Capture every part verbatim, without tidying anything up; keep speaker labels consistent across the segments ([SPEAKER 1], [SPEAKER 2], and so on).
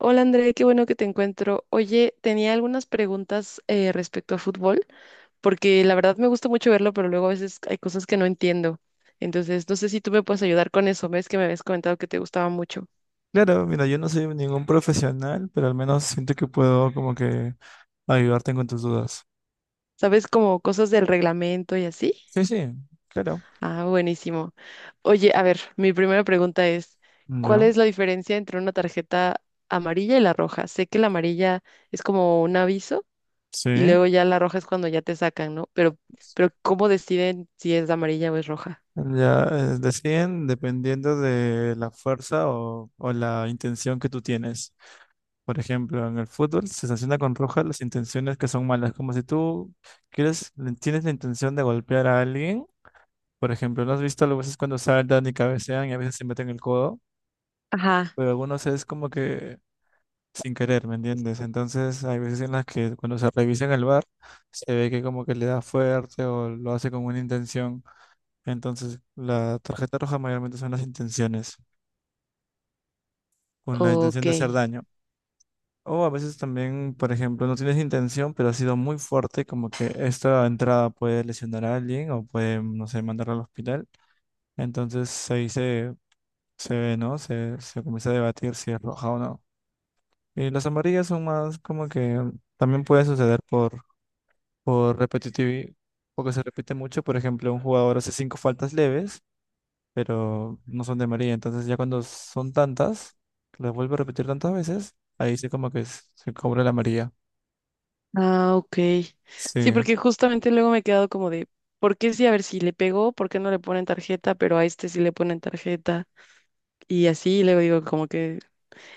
[SPEAKER 1] Hola André, qué bueno que te encuentro. Oye, tenía algunas preguntas eh, respecto a fútbol, porque la verdad me gusta mucho verlo, pero luego a veces hay cosas que no entiendo. Entonces, no sé si tú me puedes ayudar con eso. Ves que me habías comentado que te gustaba mucho.
[SPEAKER 2] Claro, mira, yo no soy ningún profesional, pero al menos siento que puedo como que ayudarte con tus dudas.
[SPEAKER 1] ¿Sabes como cosas del reglamento y así?
[SPEAKER 2] Sí, sí, claro.
[SPEAKER 1] Ah, buenísimo. Oye, a ver, mi primera pregunta es, ¿cuál
[SPEAKER 2] Ya,
[SPEAKER 1] es la diferencia entre una tarjeta amarilla y la roja? Sé que la amarilla es como un aviso y
[SPEAKER 2] sí.
[SPEAKER 1] luego ya la roja es cuando ya te sacan, ¿no? Pero, pero ¿cómo deciden si es amarilla o es roja?
[SPEAKER 2] Ya, eh, deciden dependiendo de la fuerza o, o la intención que tú tienes. Por ejemplo, en el fútbol se sanciona con roja las intenciones que son malas, como si tú quieres, tienes la intención de golpear a alguien. Por ejemplo, ¿no has visto a veces cuando saltan y cabecean y a veces se meten el codo?
[SPEAKER 1] Ajá.
[SPEAKER 2] Pero algunos es como que sin querer, ¿me entiendes? Entonces hay veces en las que cuando se revisa en el bar se ve que como que le da fuerte o lo hace con una intención. Entonces la tarjeta roja mayormente son las intenciones, con la intención
[SPEAKER 1] Ok.
[SPEAKER 2] de hacer daño. O a veces también, por ejemplo, no tienes intención, pero ha sido muy fuerte, como que esta entrada puede lesionar a alguien o puede, no sé, mandarlo al hospital. Entonces ahí se, se ve, ¿no? Se, se comienza a debatir si es roja o no. Y las amarillas son más como que también puede suceder por por repetitivo, porque se repite mucho. Por ejemplo, un jugador hace cinco faltas leves, pero no son de María. Entonces ya cuando son tantas, las vuelve a repetir tantas veces, ahí sí como que s- se cobra la María.
[SPEAKER 1] Ah, ok. Sí,
[SPEAKER 2] Sí.
[SPEAKER 1] porque justamente luego me he quedado como de, ¿por qué sí? A ver, si le pegó, ¿por qué no le ponen tarjeta? Pero a este sí le ponen tarjeta. Y así, y luego digo como que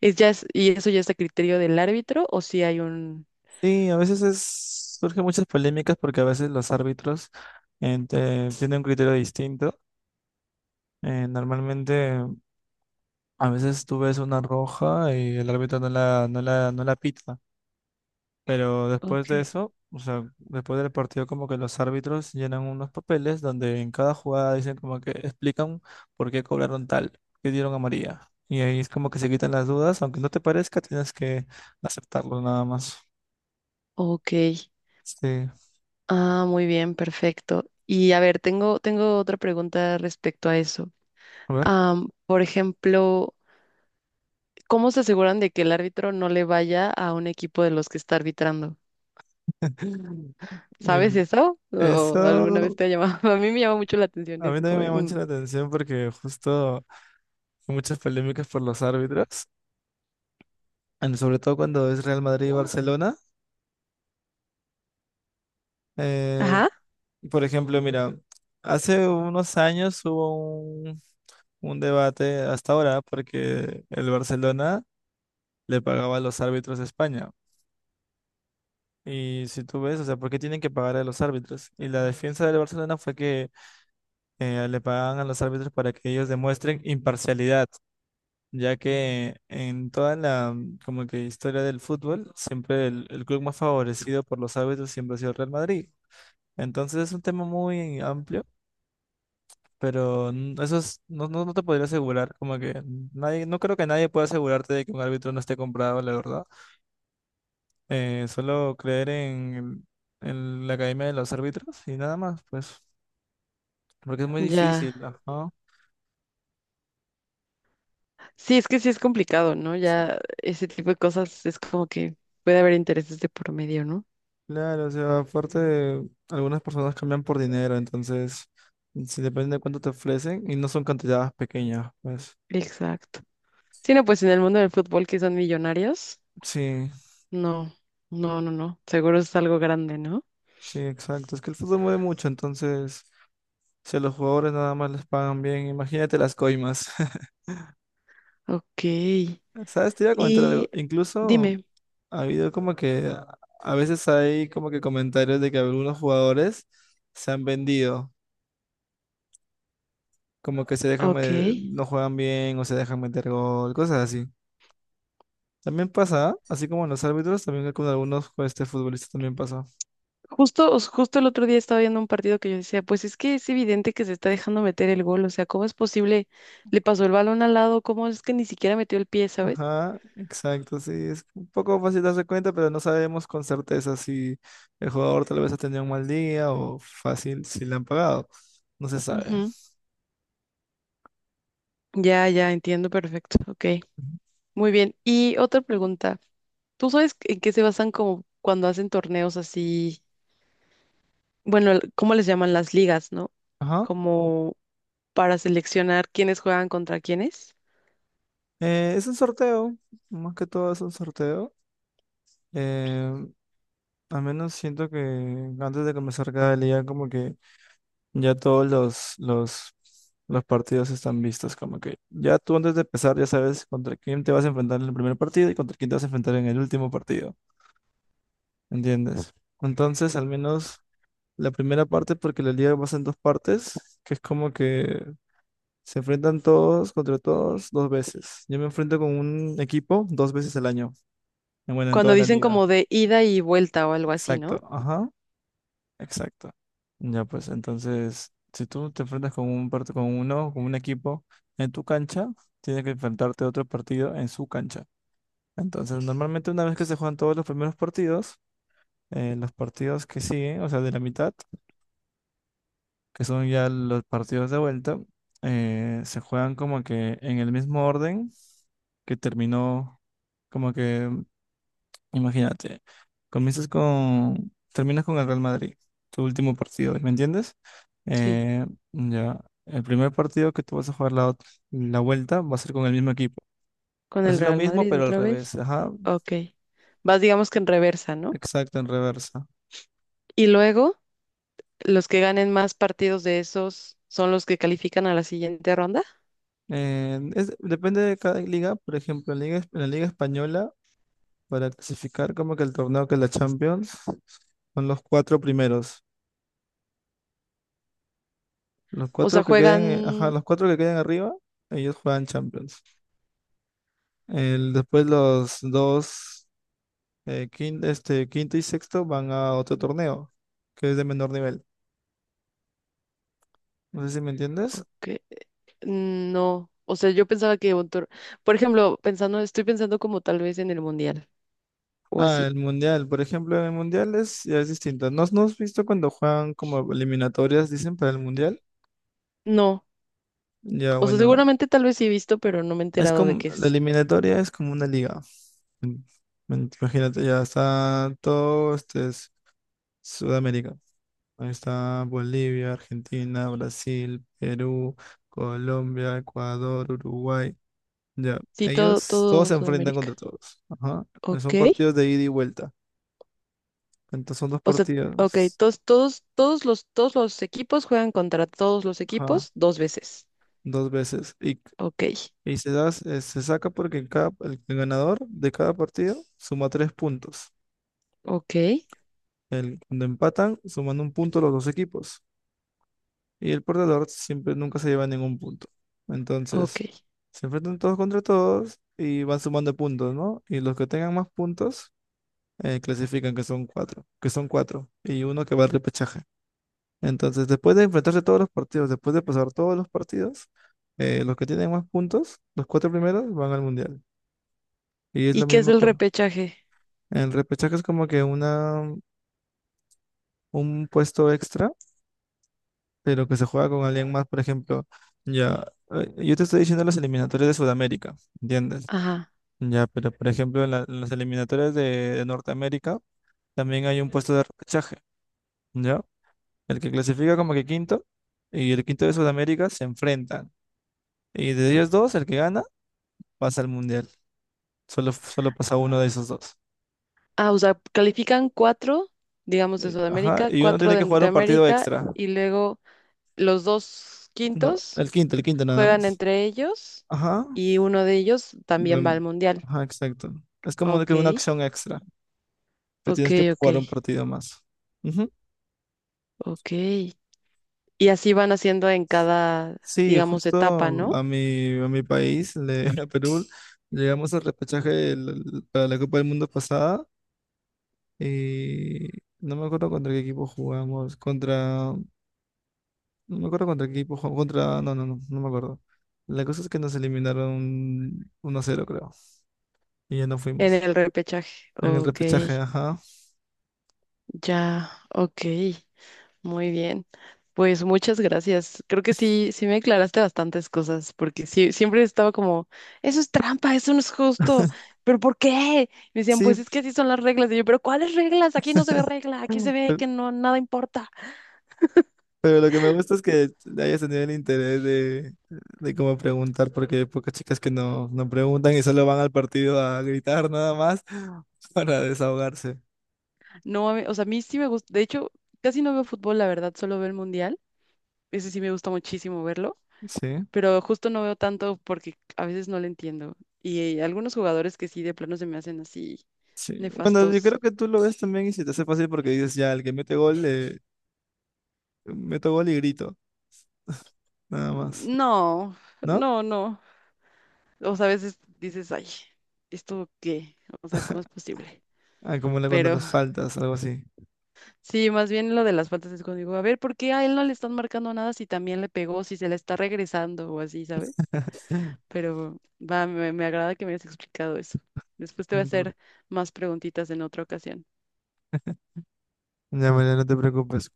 [SPEAKER 1] es ya es- Y eso ya está a criterio del árbitro o si hay un.
[SPEAKER 2] Sí, a veces es, surgen muchas polémicas porque a veces los árbitros en- te- tienen un criterio distinto. Eh, normalmente, a veces tú ves una roja y el árbitro no la, no la, no la pita. Pero después
[SPEAKER 1] Ok.
[SPEAKER 2] de eso, o sea, después del partido, como que los árbitros llenan unos papeles donde en cada jugada dicen como que explican por qué cobraron tal, qué dieron amarilla. Y ahí es como que se quitan las dudas, aunque no te parezca, tienes que aceptarlo nada más.
[SPEAKER 1] Ok.
[SPEAKER 2] Sí,
[SPEAKER 1] Ah, muy bien, perfecto. Y a ver, tengo tengo otra pregunta respecto a eso.
[SPEAKER 2] a ver.
[SPEAKER 1] Am, por ejemplo, ¿cómo se aseguran de que el árbitro no le vaya a un equipo de los que está arbitrando?
[SPEAKER 2] Mira,
[SPEAKER 1] ¿Sabes eso? ¿O alguna vez
[SPEAKER 2] eso
[SPEAKER 1] te ha llamado? A mí me llama mucho la atención
[SPEAKER 2] a mí
[SPEAKER 1] eso,
[SPEAKER 2] también
[SPEAKER 1] como
[SPEAKER 2] me
[SPEAKER 1] de,
[SPEAKER 2] llama mucho la
[SPEAKER 1] mm,
[SPEAKER 2] atención porque justo hay muchas polémicas por los árbitros, en- sobre todo cuando es Real Madrid y Barcelona. eh,
[SPEAKER 1] ajá,
[SPEAKER 2] Por ejemplo, mira, hace unos años hubo un, un debate hasta ahora porque el Barcelona le pagaba a los árbitros de España. Y si tú ves, o sea, ¿por qué tienen que pagar a los árbitros? Y la defensa del Barcelona fue que eh, le pagaban a los árbitros para que ellos demuestren imparcialidad, ya que en toda la mm, como que historia del fútbol, siempre el, el club más favorecido por los árbitros siempre ha sido el Real Madrid. Entonces es un tema muy amplio. Pero n- eso es, no, no, no te podría asegurar, como que nadie, no creo que nadie pueda asegurarte de que un árbitro no esté comprado, la verdad. Eh, solo creer en, el- en la academia de los árbitros y nada más, pues, porque es muy
[SPEAKER 1] ya.
[SPEAKER 2] difícil, ajá.
[SPEAKER 1] Sí, es que sí es complicado, ¿no?
[SPEAKER 2] Sí.
[SPEAKER 1] Ya ese tipo de cosas es como que puede haber intereses de por medio, ¿no?
[SPEAKER 2] Claro, o sea, aparte, algunas personas cambian por dinero, entonces, si depende de cuánto te ofrecen y no son cantidades pequeñas, pues.
[SPEAKER 1] Exacto. Sí, no, pues en el mundo del fútbol que son millonarios,
[SPEAKER 2] Sí,
[SPEAKER 1] no, no, no, no. Seguro es algo grande, ¿no?
[SPEAKER 2] sí, exacto. Es que el fútbol mueve mucho, entonces, si a los jugadores nada más les pagan bien, imagínate las coimas.
[SPEAKER 1] Ok.
[SPEAKER 2] ¿Sabes? Te iba a comentar
[SPEAKER 1] Y
[SPEAKER 2] algo. Incluso
[SPEAKER 1] dime,
[SPEAKER 2] ha habido como que a a veces hay como que comentarios de que algunos jugadores se han vendido, como que se dejan,
[SPEAKER 1] ok.
[SPEAKER 2] me- no juegan bien o se dejan meter gol, cosas así. También pasa, ¿ah? Así como en los árbitros, también con algunos pues, este, futbolistas también pasó.
[SPEAKER 1] Justo, os- justo el otro día estaba viendo un partido que yo decía, pues es que es evidente que se está dejando meter el gol, o sea, ¿cómo es posible? Le pasó el balón al lado, ¿cómo es que ni siquiera metió el pie, ¿sabes?
[SPEAKER 2] Ajá, exacto, sí. Es un poco fácil darse cuenta, pero no sabemos con certeza si el jugador tal vez ha tenido un mal día o fácil si le han pagado. No se sabe.
[SPEAKER 1] Ujú. Ya, ya, entiendo perfecto, ok.
[SPEAKER 2] Ujú.
[SPEAKER 1] Muy bien, y otra pregunta, ¿tú sabes en qué se basan como cuando hacen torneos así, bueno, el- ¿cómo les llaman las ligas, no?
[SPEAKER 2] Ajá.
[SPEAKER 1] Como para seleccionar quiénes juegan contra quiénes,
[SPEAKER 2] Eh, es un sorteo, más que todo es un sorteo. Eh, Al menos siento que antes de comenzar cada liga como que ya todos los, los, los partidos están vistos. Como que ya tú antes de empezar ya sabes contra quién te vas a enfrentar en el primer partido y contra quién te vas a enfrentar en el último partido. ¿Entiendes? Entonces, al menos la primera parte, porque la liga pasa en dos partes, que es como que se enfrentan todos contra todos dos veces. Yo me enfrento con un equipo dos veces al año. Bueno, en
[SPEAKER 1] cuando
[SPEAKER 2] toda la
[SPEAKER 1] dicen
[SPEAKER 2] liga.
[SPEAKER 1] como de ida y vuelta o algo así, ¿no?
[SPEAKER 2] Exacto, ajá, exacto. Ya pues, entonces, si tú te enfrentas con un part- con uno, con un equipo en tu cancha, tienes que enfrentarte a otro partido en su cancha. Entonces, normalmente una vez que se juegan todos los primeros partidos, eh, los partidos que siguen, o sea, de la mitad, que son ya los partidos de vuelta, eh, se juegan como que en el mismo orden que terminó, como que imagínate, comienzas con, terminas con el Real Madrid, tu último partido, ¿me entiendes?
[SPEAKER 1] Sí,
[SPEAKER 2] Eh, ya, el primer partido que tú vas a jugar la, ot- la vuelta va a ser con el mismo equipo.
[SPEAKER 1] con
[SPEAKER 2] Va a
[SPEAKER 1] el
[SPEAKER 2] ser lo
[SPEAKER 1] Real
[SPEAKER 2] mismo,
[SPEAKER 1] Madrid
[SPEAKER 2] pero al
[SPEAKER 1] otra vez.
[SPEAKER 2] revés, ajá,
[SPEAKER 1] Ok. Vas, digamos que en reversa, ¿no?
[SPEAKER 2] exacto, en reversa.
[SPEAKER 1] Y luego, los que ganen más partidos de esos son los que califican a la siguiente ronda.
[SPEAKER 2] Eh, es- depende de cada liga, por ejemplo, en, la liga, en la Liga Española, para clasificar como que el torneo que es la Champions, son los cuatro primeros. Los
[SPEAKER 1] O
[SPEAKER 2] cuatro
[SPEAKER 1] sea,
[SPEAKER 2] que queden, eh, ajá,
[SPEAKER 1] juegan.
[SPEAKER 2] los cuatro que queden arriba, ellos juegan Champions. El, después los dos, eh, quin- este, quinto y sexto van a otro torneo, que es de menor nivel. No sé si me entiendes.
[SPEAKER 1] Ok, no. O sea, yo pensaba que un tor- por ejemplo, pensando, estoy pensando como tal vez en el mundial o
[SPEAKER 2] Ah,
[SPEAKER 1] así.
[SPEAKER 2] el mundial, por ejemplo, en el mundial es, ya es distinto. ¿No, no has visto cuando juegan como eliminatorias, dicen, para el mundial?
[SPEAKER 1] No.
[SPEAKER 2] Ya,
[SPEAKER 1] O sea,
[SPEAKER 2] bueno,
[SPEAKER 1] seguramente tal vez sí he visto, pero no me he
[SPEAKER 2] es
[SPEAKER 1] enterado de
[SPEAKER 2] como,
[SPEAKER 1] qué
[SPEAKER 2] la
[SPEAKER 1] es.
[SPEAKER 2] eliminatoria es como una liga. Mm, mm, Imagínate, ya está todo, este es Sudamérica. Ahí está Bolivia, Argentina, Brasil, Perú, Colombia, Ecuador, Uruguay. Ya,
[SPEAKER 1] Sí, todo,
[SPEAKER 2] ellos todos
[SPEAKER 1] todo
[SPEAKER 2] se enfrentan contra
[SPEAKER 1] Sudamérica.
[SPEAKER 2] todos. Ajá.
[SPEAKER 1] Ok.
[SPEAKER 2] Son partidos de ida y vuelta. Entonces son dos
[SPEAKER 1] O sea, ok,
[SPEAKER 2] partidos.
[SPEAKER 1] todos, todos, todos los, todos los equipos juegan contra todos los
[SPEAKER 2] Ajá.
[SPEAKER 1] equipos dos veces.
[SPEAKER 2] Dos veces. Y,
[SPEAKER 1] Ok.
[SPEAKER 2] y se da, se se saca porque cada, el, el ganador de cada partido suma tres puntos.
[SPEAKER 1] Ok,
[SPEAKER 2] El, cuando empatan, suman un punto los dos equipos. Y el perdedor siempre nunca se lleva ningún punto.
[SPEAKER 1] ok.
[SPEAKER 2] Entonces, se enfrentan todos contra todos y van sumando puntos, ¿no? Y los que tengan más puntos, eh, clasifican, que son cuatro, que son cuatro. Y uno que va al repechaje. Entonces, después de enfrentarse todos los partidos, después de pasar todos los partidos, eh, los que tienen más puntos, los cuatro primeros, van al mundial. Y es
[SPEAKER 1] ¿Y
[SPEAKER 2] lo
[SPEAKER 1] qué es
[SPEAKER 2] mismo
[SPEAKER 1] el
[SPEAKER 2] con
[SPEAKER 1] repechaje?
[SPEAKER 2] el repechaje, es como que una, un puesto extra, pero que se juega con alguien más, por ejemplo, ya, eh, yo te estoy diciendo las eliminatorias de Sudamérica, ¿entiendes?
[SPEAKER 1] Ajá.
[SPEAKER 2] Ya, pero por ejemplo, en, la- en las eliminatorias de, de Norteamérica también hay un puesto de repechaje, ¿ya? El que clasifica como que quinto y el quinto de Sudamérica se enfrentan. Y de ellos dos, el que gana pasa al mundial. Solo, solo pasa uno de esos dos.
[SPEAKER 1] Ah, o sea, califican cuatro, digamos, de
[SPEAKER 2] Y- Ajá,
[SPEAKER 1] Sudamérica,
[SPEAKER 2] y uno
[SPEAKER 1] cuatro
[SPEAKER 2] tiene
[SPEAKER 1] de
[SPEAKER 2] que jugar un partido
[SPEAKER 1] Norteamérica,
[SPEAKER 2] extra.
[SPEAKER 1] y luego los dos
[SPEAKER 2] No,
[SPEAKER 1] quintos
[SPEAKER 2] el quinto, el quinto nada
[SPEAKER 1] juegan
[SPEAKER 2] más.
[SPEAKER 1] entre ellos
[SPEAKER 2] Ajá,
[SPEAKER 1] y uno de ellos también va
[SPEAKER 2] bueno,
[SPEAKER 1] al mundial.
[SPEAKER 2] ajá, exacto. Es como que
[SPEAKER 1] Ok,
[SPEAKER 2] una acción extra, que
[SPEAKER 1] ok,
[SPEAKER 2] tienes que
[SPEAKER 1] ok,
[SPEAKER 2] jugar un partido más. Ujú.
[SPEAKER 1] ok. Y así van haciendo en cada,
[SPEAKER 2] Sí,
[SPEAKER 1] digamos, etapa,
[SPEAKER 2] justo
[SPEAKER 1] ¿no?
[SPEAKER 2] a mi, a mi país, le- a Perú, llegamos al repechaje el- para la Copa del Mundo pasada y no me acuerdo contra qué equipo jugamos, contra no me acuerdo contra qué equipo jugó- Contra. No, no, no, no me acuerdo. La cosa es que nos eliminaron uno a cero creo. Y ya no
[SPEAKER 1] En
[SPEAKER 2] fuimos.
[SPEAKER 1] el repechaje.
[SPEAKER 2] En el
[SPEAKER 1] Ok,
[SPEAKER 2] repechaje, ajá.
[SPEAKER 1] ya, ok. Muy bien. Pues muchas gracias. Creo que sí, sí me aclaraste bastantes cosas, porque sí, siempre estaba como, eso es trampa, eso no es justo, pero ¿por qué? Me decían,
[SPEAKER 2] Sí,
[SPEAKER 1] pues es que así son las reglas. Y yo, pero ¿cuáles reglas? Aquí no se ve regla, aquí
[SPEAKER 2] Mm.
[SPEAKER 1] se ve
[SPEAKER 2] pe-
[SPEAKER 1] que no, nada importa.
[SPEAKER 2] pero, lo que me gusta es que le hayas tenido el interés de, de cómo preguntar, porque hay pocas chicas que no, no preguntan y solo van al partido a gritar nada más para desahogarse.
[SPEAKER 1] No, a mí- o sea, a mí sí me gusta, de hecho, casi no veo fútbol, la verdad, solo veo el mundial. Ese sí me gusta muchísimo verlo,
[SPEAKER 2] Sí,
[SPEAKER 1] pero justo no veo tanto porque a veces no lo entiendo. Y eh, algunos jugadores que sí de plano se me hacen así
[SPEAKER 2] sí. Bueno, yo
[SPEAKER 1] nefastos.
[SPEAKER 2] creo que tú lo ves también y se te hace fácil porque dices, ya, el que mete gol, le meto gol y grito, nada más.
[SPEAKER 1] No,
[SPEAKER 2] ¿No?
[SPEAKER 1] no, no. O sea, a veces dices, ay, ¿esto qué? O sea, ¿cómo es posible?
[SPEAKER 2] Ah, como la cuando
[SPEAKER 1] Pero
[SPEAKER 2] las faltas, algo así.
[SPEAKER 1] sí, más bien lo de las faltas es cuando digo, a ver, ¿por qué a él no le están marcando nada si también le pegó, si se le está regresando o así, ¿sabes? Pero va, me, me agrada que me hayas explicado eso. Después te voy a
[SPEAKER 2] No te pre-
[SPEAKER 1] hacer más preguntitas en otra ocasión.
[SPEAKER 2] Ya, María, no te preocupes.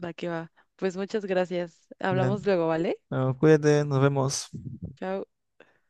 [SPEAKER 1] Va que va. Pues muchas gracias.
[SPEAKER 2] Ya.
[SPEAKER 1] Hablamos luego, ¿vale?
[SPEAKER 2] No, cuídate, nos vemos.
[SPEAKER 1] Chao.